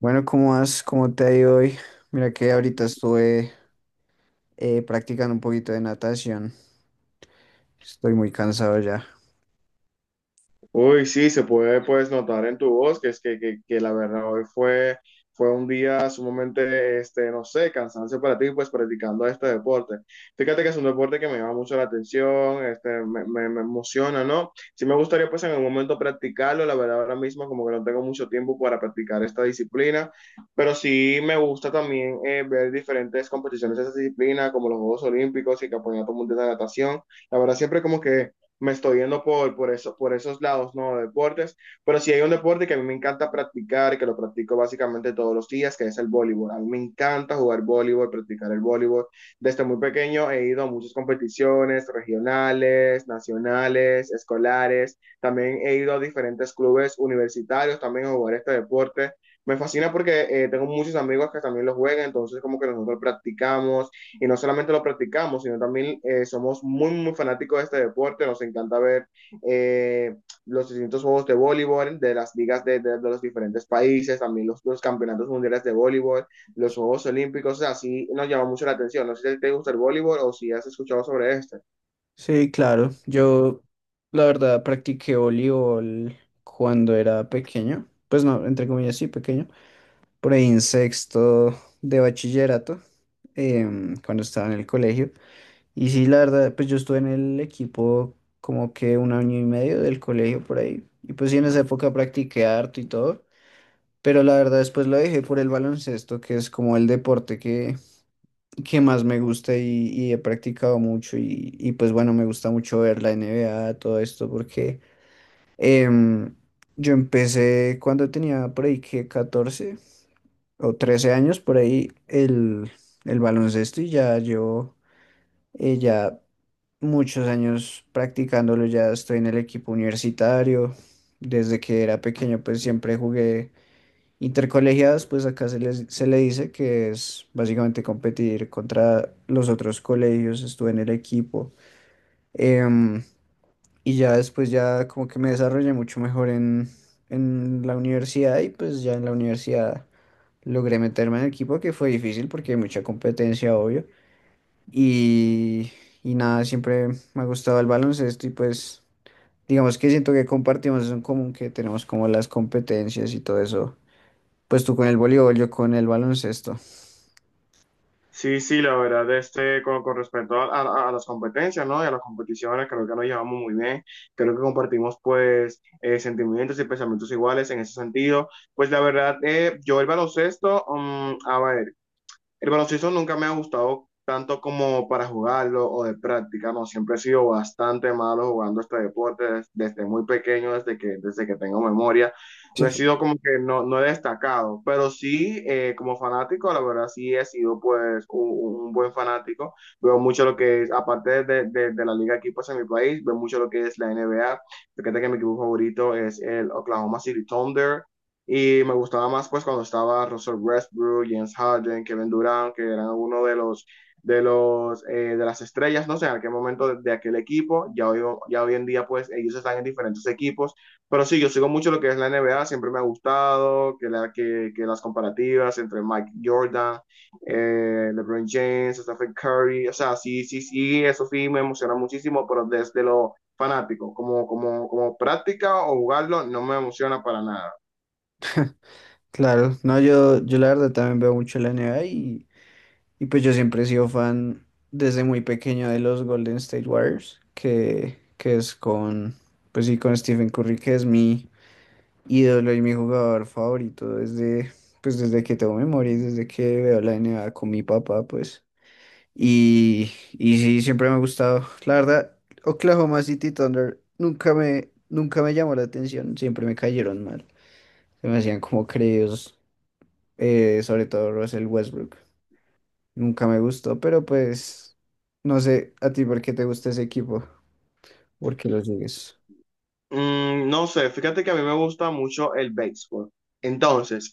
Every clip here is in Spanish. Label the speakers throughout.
Speaker 1: Bueno, ¿cómo vas? ¿Cómo te ha ido hoy? Mira que ahorita estuve practicando un poquito de natación. Estoy muy cansado ya.
Speaker 2: Uy, sí, se puede pues notar en tu voz que es que la verdad fue un día sumamente, no sé, cansancio para ti pues practicando este deporte. Fíjate que es un deporte que me llama mucho la atención, me emociona, ¿no? Sí me gustaría pues en algún momento practicarlo, la verdad ahora mismo como que no tengo mucho tiempo para practicar esta disciplina, pero sí me gusta también ver diferentes competiciones de esa disciplina como los Juegos Olímpicos y Campeonato Mundial de Natación. La verdad siempre como que me estoy yendo eso, por esos lados, ¿no? De deportes. Pero sí hay un deporte que a mí me encanta practicar, que lo practico básicamente todos los días, que es el voleibol. A mí me encanta jugar voleibol, practicar el voleibol. Desde muy pequeño he ido a muchas competiciones regionales, nacionales, escolares. También he ido a diferentes clubes universitarios también a jugar este deporte. Me fascina porque tengo muchos amigos que también lo juegan, entonces como que nosotros practicamos, y no solamente lo practicamos, sino también somos muy, muy fanáticos de este deporte, nos encanta ver eh, los distintos juegos de voleibol de las ligas de los diferentes países, también campeonatos mundiales de voleibol, los Juegos Olímpicos, o sea, así nos llama mucho la atención. No sé si te gusta el voleibol o si has escuchado sobre este.
Speaker 1: Sí, claro. Yo, la verdad, practiqué voleibol cuando era pequeño. Pues no, entre comillas, sí, pequeño. Por ahí en sexto de bachillerato, cuando estaba en el colegio. Y sí, la verdad, pues yo estuve en el equipo como que un año y medio del colegio por ahí. Y pues sí, en esa época practiqué harto y todo. Pero la verdad después lo dejé por el baloncesto, que es como el deporte que más me gusta y he practicado mucho y pues bueno, me gusta mucho ver la NBA, todo esto, porque em, yo empecé cuando tenía por ahí que 14 o 13 años, por ahí el baloncesto y ya yo ya muchos años practicándolo, ya estoy en el equipo universitario, desde que era pequeño pues siempre jugué Intercolegiadas. Pues acá se le dice que es básicamente competir contra los otros colegios, estuve en el equipo. Em, y ya después ya como que me desarrollé mucho mejor en, la universidad y pues ya en la universidad logré meterme en el equipo, que fue difícil porque hay mucha competencia, obvio. Y, y nada, siempre me ha gustado el baloncesto y pues digamos que siento que compartimos eso en común, que tenemos como las competencias y todo eso, pues tú con el voleibol, yo con el baloncesto.
Speaker 2: Sí, sí, la verdad, con respecto a, a las competencias, ¿no? Y a las competiciones, creo que nos llevamos muy bien, creo que compartimos, pues, sentimientos y pensamientos iguales en ese sentido. Pues, la verdad, yo el baloncesto, a ver, el baloncesto nunca me ha gustado tanto como para jugarlo o de práctica, no, siempre he sido bastante malo jugando este deporte desde muy pequeño, desde que tengo memoria. No he
Speaker 1: Sí.
Speaker 2: sido como que no, no he destacado, pero sí como fanático, la verdad sí he sido un buen fanático. Veo mucho lo que es, aparte de, de la liga aquí equipos en mi país, veo mucho lo que es la NBA Fíjate que mi equipo favorito es el Oklahoma City Thunder. Y me gustaba más pues cuando estaba Russell Westbrook, James Harden, Kevin Durant, que eran uno de los de las estrellas, no sé, en aquel momento aquel equipo, ya hoy en día pues ellos están en diferentes equipos, pero sí, yo sigo mucho lo que es la NBA, siempre me ha gustado que las comparativas entre Mike Jordan, LeBron James, Stephen Curry, o sea, sí, sí, sí, eso sí me emociona muchísimo, pero desde lo fanático, como práctica o jugarlo, no me emociona para nada.
Speaker 1: Claro, no, yo la verdad también veo mucho la NBA, y pues yo siempre he sido fan desde muy pequeño de los Golden State Warriors, que es con, pues sí, con Stephen Curry, que es mi ídolo y mi jugador favorito desde, pues desde que tengo memoria y desde que veo la NBA con mi papá, pues. Y sí, siempre me ha gustado. La verdad, Oklahoma City Thunder nunca me llamó la atención, siempre me cayeron mal. Se me hacían como creídos, sobre todo Russell Westbrook. Nunca me gustó, pero pues no sé a ti por qué te gusta ese equipo, por qué lo sigues.
Speaker 2: Mm, no sé, fíjate que a mí me gusta mucho el béisbol. Entonces,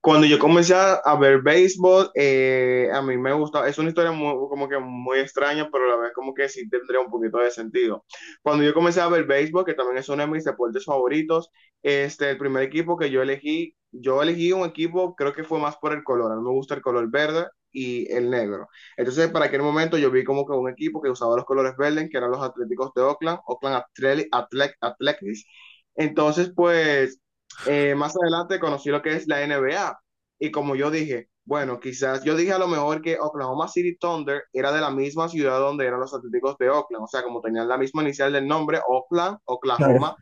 Speaker 2: cuando yo comencé a ver béisbol, a mí me gusta, es una historia muy, como que muy extraña, pero a la vez como que sí tendría un poquito de sentido. Cuando yo comencé a ver béisbol, que también es uno de mis deportes favoritos, el primer equipo que yo elegí un equipo, creo que fue más por el color, a mí me gusta el color verde y el negro. Entonces, para aquel momento yo vi como que un equipo que usaba los colores verdes, que eran los Atléticos de Oakland, Oakland Athletics. Entonces, pues más adelante conocí lo que es la NBA. Y como yo dije, bueno, quizás yo dije a lo mejor que Oklahoma City Thunder era de la misma ciudad donde eran los Atléticos de Oakland, o sea, como tenían la misma inicial del nombre, Oakland,
Speaker 1: Claro.
Speaker 2: Oklahoma,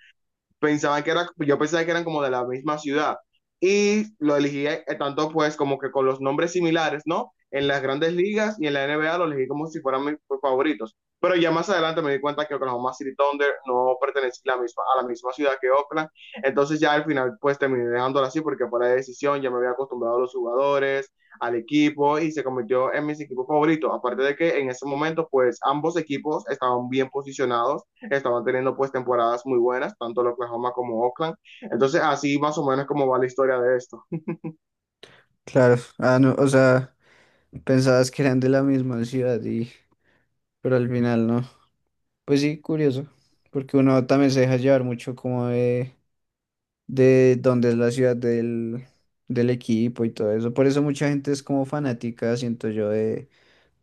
Speaker 2: pensaban que era, yo pensaba que eran como de la misma ciudad y lo elegí tanto pues como que con los nombres similares, ¿no? En las grandes ligas y en la N B A lo elegí como si fueran mis favoritos. Pero ya más adelante me di cuenta que Oklahoma City Thunder no pertenecía a la misma ciudad que Oakland. Entonces ya al final pues terminé dejándolo así porque por la decisión ya me había acostumbrado a los jugadores, al equipo y se convirtió en mis equipos favoritos. Aparte de que en ese momento pues ambos equipos estaban bien posicionados, estaban teniendo pues temporadas muy buenas, tanto el Oklahoma como Oakland. Entonces así más o menos como va la historia de esto.
Speaker 1: Claro, ah, no, o sea, pensabas que eran de la misma ciudad y, pero al final no. Pues sí, curioso, porque uno también se deja llevar mucho como de dónde es la ciudad del, del equipo y todo eso. Por eso mucha gente es como fanática, siento yo,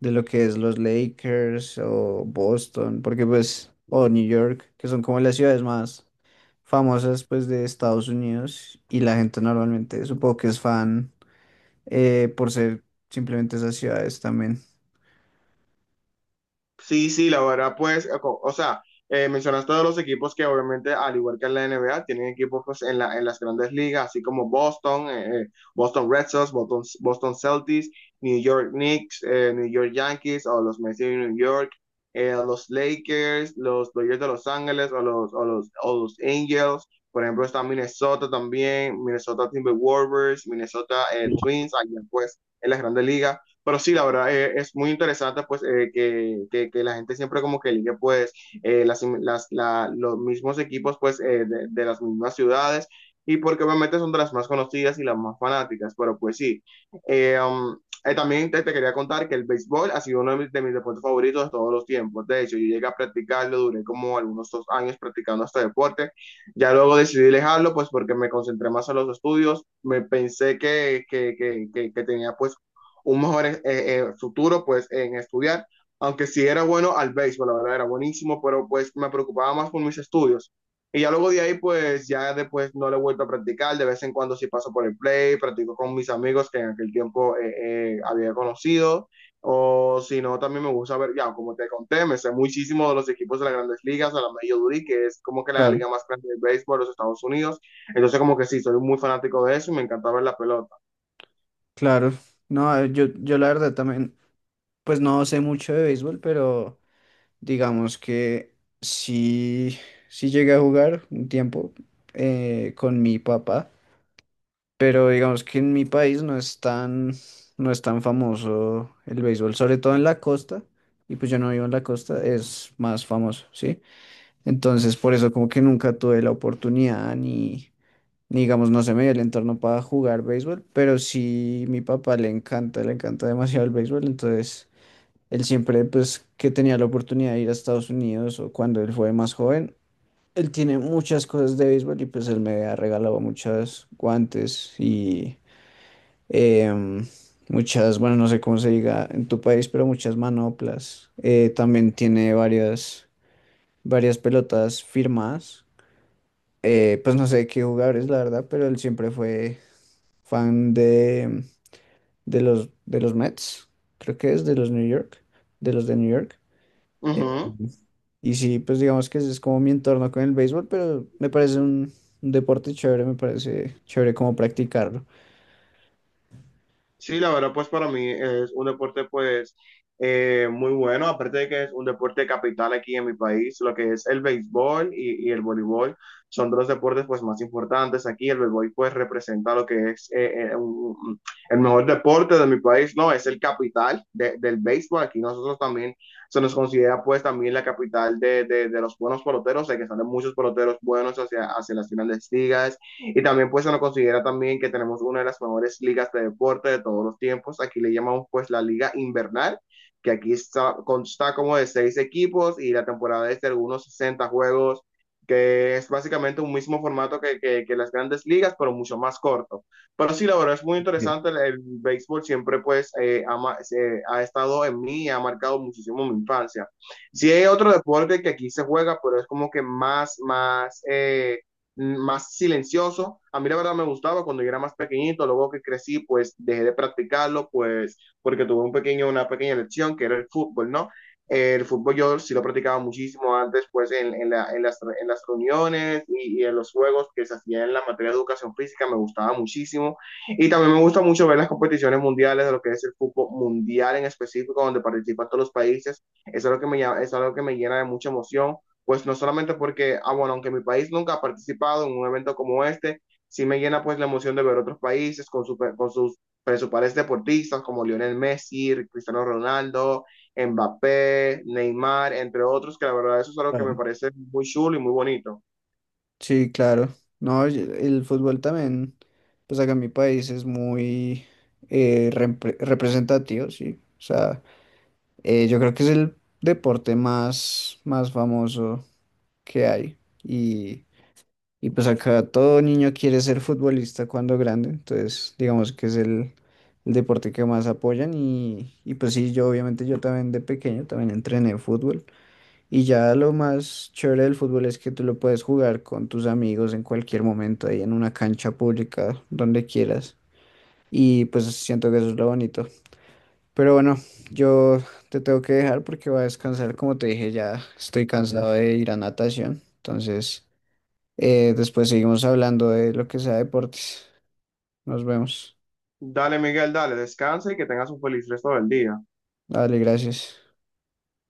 Speaker 1: de lo que es los Lakers o Boston, porque pues, o New York, que son como las ciudades más famosas pues de Estados Unidos, y la gente normalmente supongo que es fan por ser simplemente esas ciudades también.
Speaker 2: Sí, sí, la verdad, pues, o sea, mencionaste todos los equipos que obviamente, al igual que en la NBA, tienen equipos pues, en las grandes ligas, así como Boston, Boston Red Sox, Boston Celtics, New York Knicks, New York Yankees o los Mets de New York, los Lakers, los Dodgers de Los Ángeles o los Angels. Por ejemplo, está Minnesota también, Minnesota Timberwolves, Minnesota Twins, allá pues en las grandes ligas. Pero sí, la verdad, es muy interesante pues que la gente siempre como que elige pues los mismos equipos pues de las mismas ciudades y porque obviamente son de las más conocidas y las más fanáticas, pero pues sí. Eh, um, también te quería contar que el béisbol ha sido uno de mis deportes favoritos de todos los tiempos. De hecho, yo llegué a practicarlo, duré como algunos 2 años practicando este deporte. Ya luego decidí dejarlo pues porque me concentré más en los estudios, me pensé que tenía pues un mejor futuro pues en estudiar, aunque sí era bueno al béisbol, la verdad era buenísimo, pero pues me preocupaba más por mis estudios. Y ya luego de ahí pues ya después no lo he vuelto a practicar, de vez en cuando sí paso por el play, practico con mis amigos que en aquel tiempo había conocido, o si no también me gusta ver, ya como te conté, me sé muchísimo de los equipos de las grandes ligas, a la Major League, que es como que la
Speaker 1: Claro.
Speaker 2: liga más grande del béisbol de los Estados Unidos, entonces como que sí, soy muy fanático de eso y me encanta ver la pelota.
Speaker 1: Claro, no, yo, la verdad también, pues no sé mucho de béisbol, pero digamos que sí, sí llegué a jugar un tiempo con mi papá. Pero digamos que en mi país no es tan famoso el béisbol, sobre todo en la costa, y pues yo no vivo en la costa, es más famoso, ¿sí? Entonces por eso como que nunca tuve la oportunidad ni digamos, no se me dio el entorno para jugar béisbol, pero sí mi papá le encanta demasiado el béisbol. Entonces él siempre pues que tenía la oportunidad de ir a Estados Unidos o cuando él fue más joven. Él tiene muchas cosas de béisbol y pues él me ha regalado muchos guantes y, em, muchas, bueno, no sé cómo se diga en tu país, pero muchas manoplas. También tiene varias pelotas firmadas. Pues no sé qué jugadores, la verdad, pero él siempre fue fan de, de los Mets, creo que es de los New York, de los de New York. Eh,
Speaker 2: Ujú.
Speaker 1: y sí, pues digamos que ese es como mi entorno con el béisbol, pero me parece un deporte chévere, me parece chévere como practicarlo.
Speaker 2: Sí, la verdad, pues para mí es un deporte pues muy bueno, aparte de que es un deporte capital aquí en mi país, lo que es el béisbol y el voleibol son dos deportes pues más importantes aquí, el béisbol pues representa lo que es un- el mejor deporte de mi país, no, es el capital del béisbol, aquí nosotros también se nos considera pues también la capital de, de los buenos peloteros, de que salen muchos peloteros buenos hacia, hacia las finales ligas y también pues se nos considera también que tenemos una de las mejores ligas de deporte de todos los tiempos. Aquí le llamamos pues la liga invernal, que aquí está, consta como de 6 equipos y la temporada es de algunos 60 juegos, que es básicamente un mismo formato que las grandes ligas, pero mucho más corto. Pero sí, la verdad es muy
Speaker 1: Sí.
Speaker 2: interesante, el béisbol siempre pues ha estado en mí y ha marcado muchísimo mi infancia. Sí hay otro deporte que aquí se juega, pero es como que más, más... más silencioso. A mí la verdad me gustaba cuando yo era más pequeñito, luego que crecí, pues dejé de practicarlo, pues porque tuve un pequeño, una pequeña lección que era el fútbol, ¿no? El fútbol yo sí lo practicaba muchísimo antes, pues en las reuniones en los juegos que se hacían en la materia de educación física, me gustaba muchísimo. Y también me gusta mucho ver las competiciones mundiales, de lo que es el fútbol mundial en específico, donde participan todos los países. Eso es lo que eso es lo que me llena de mucha emoción pues no solamente porque, ah, bueno, aunque mi país nunca ha participado en un evento como este, sí me llena pues la emoción de ver otros países con sus principales deportistas como Lionel Messi, Cristiano Ronaldo, Mbappé, Neymar, entre otros, que la verdad eso es algo que me parece muy chulo y muy bonito.
Speaker 1: Sí, claro. No, el fútbol también, pues acá en mi país es muy representativo, sí. O sea, yo creo que es el deporte más, más famoso que hay. Y pues acá todo niño quiere ser futbolista cuando grande, entonces digamos que es el deporte que más apoyan. Y pues sí, yo obviamente yo también de pequeño también entrené fútbol. Y ya lo más chévere del fútbol es que tú lo puedes jugar con tus amigos en cualquier momento, ahí en una cancha pública, donde quieras. Y pues siento que eso es lo bonito. Pero bueno, yo te tengo que dejar porque voy a descansar. Como te dije, ya estoy cansado de ir a natación. Entonces, después seguimos hablando de lo que sea deportes. Nos vemos.
Speaker 2: Dale, Miguel, dale, descansa y que tengas un feliz resto del día.
Speaker 1: Dale, gracias.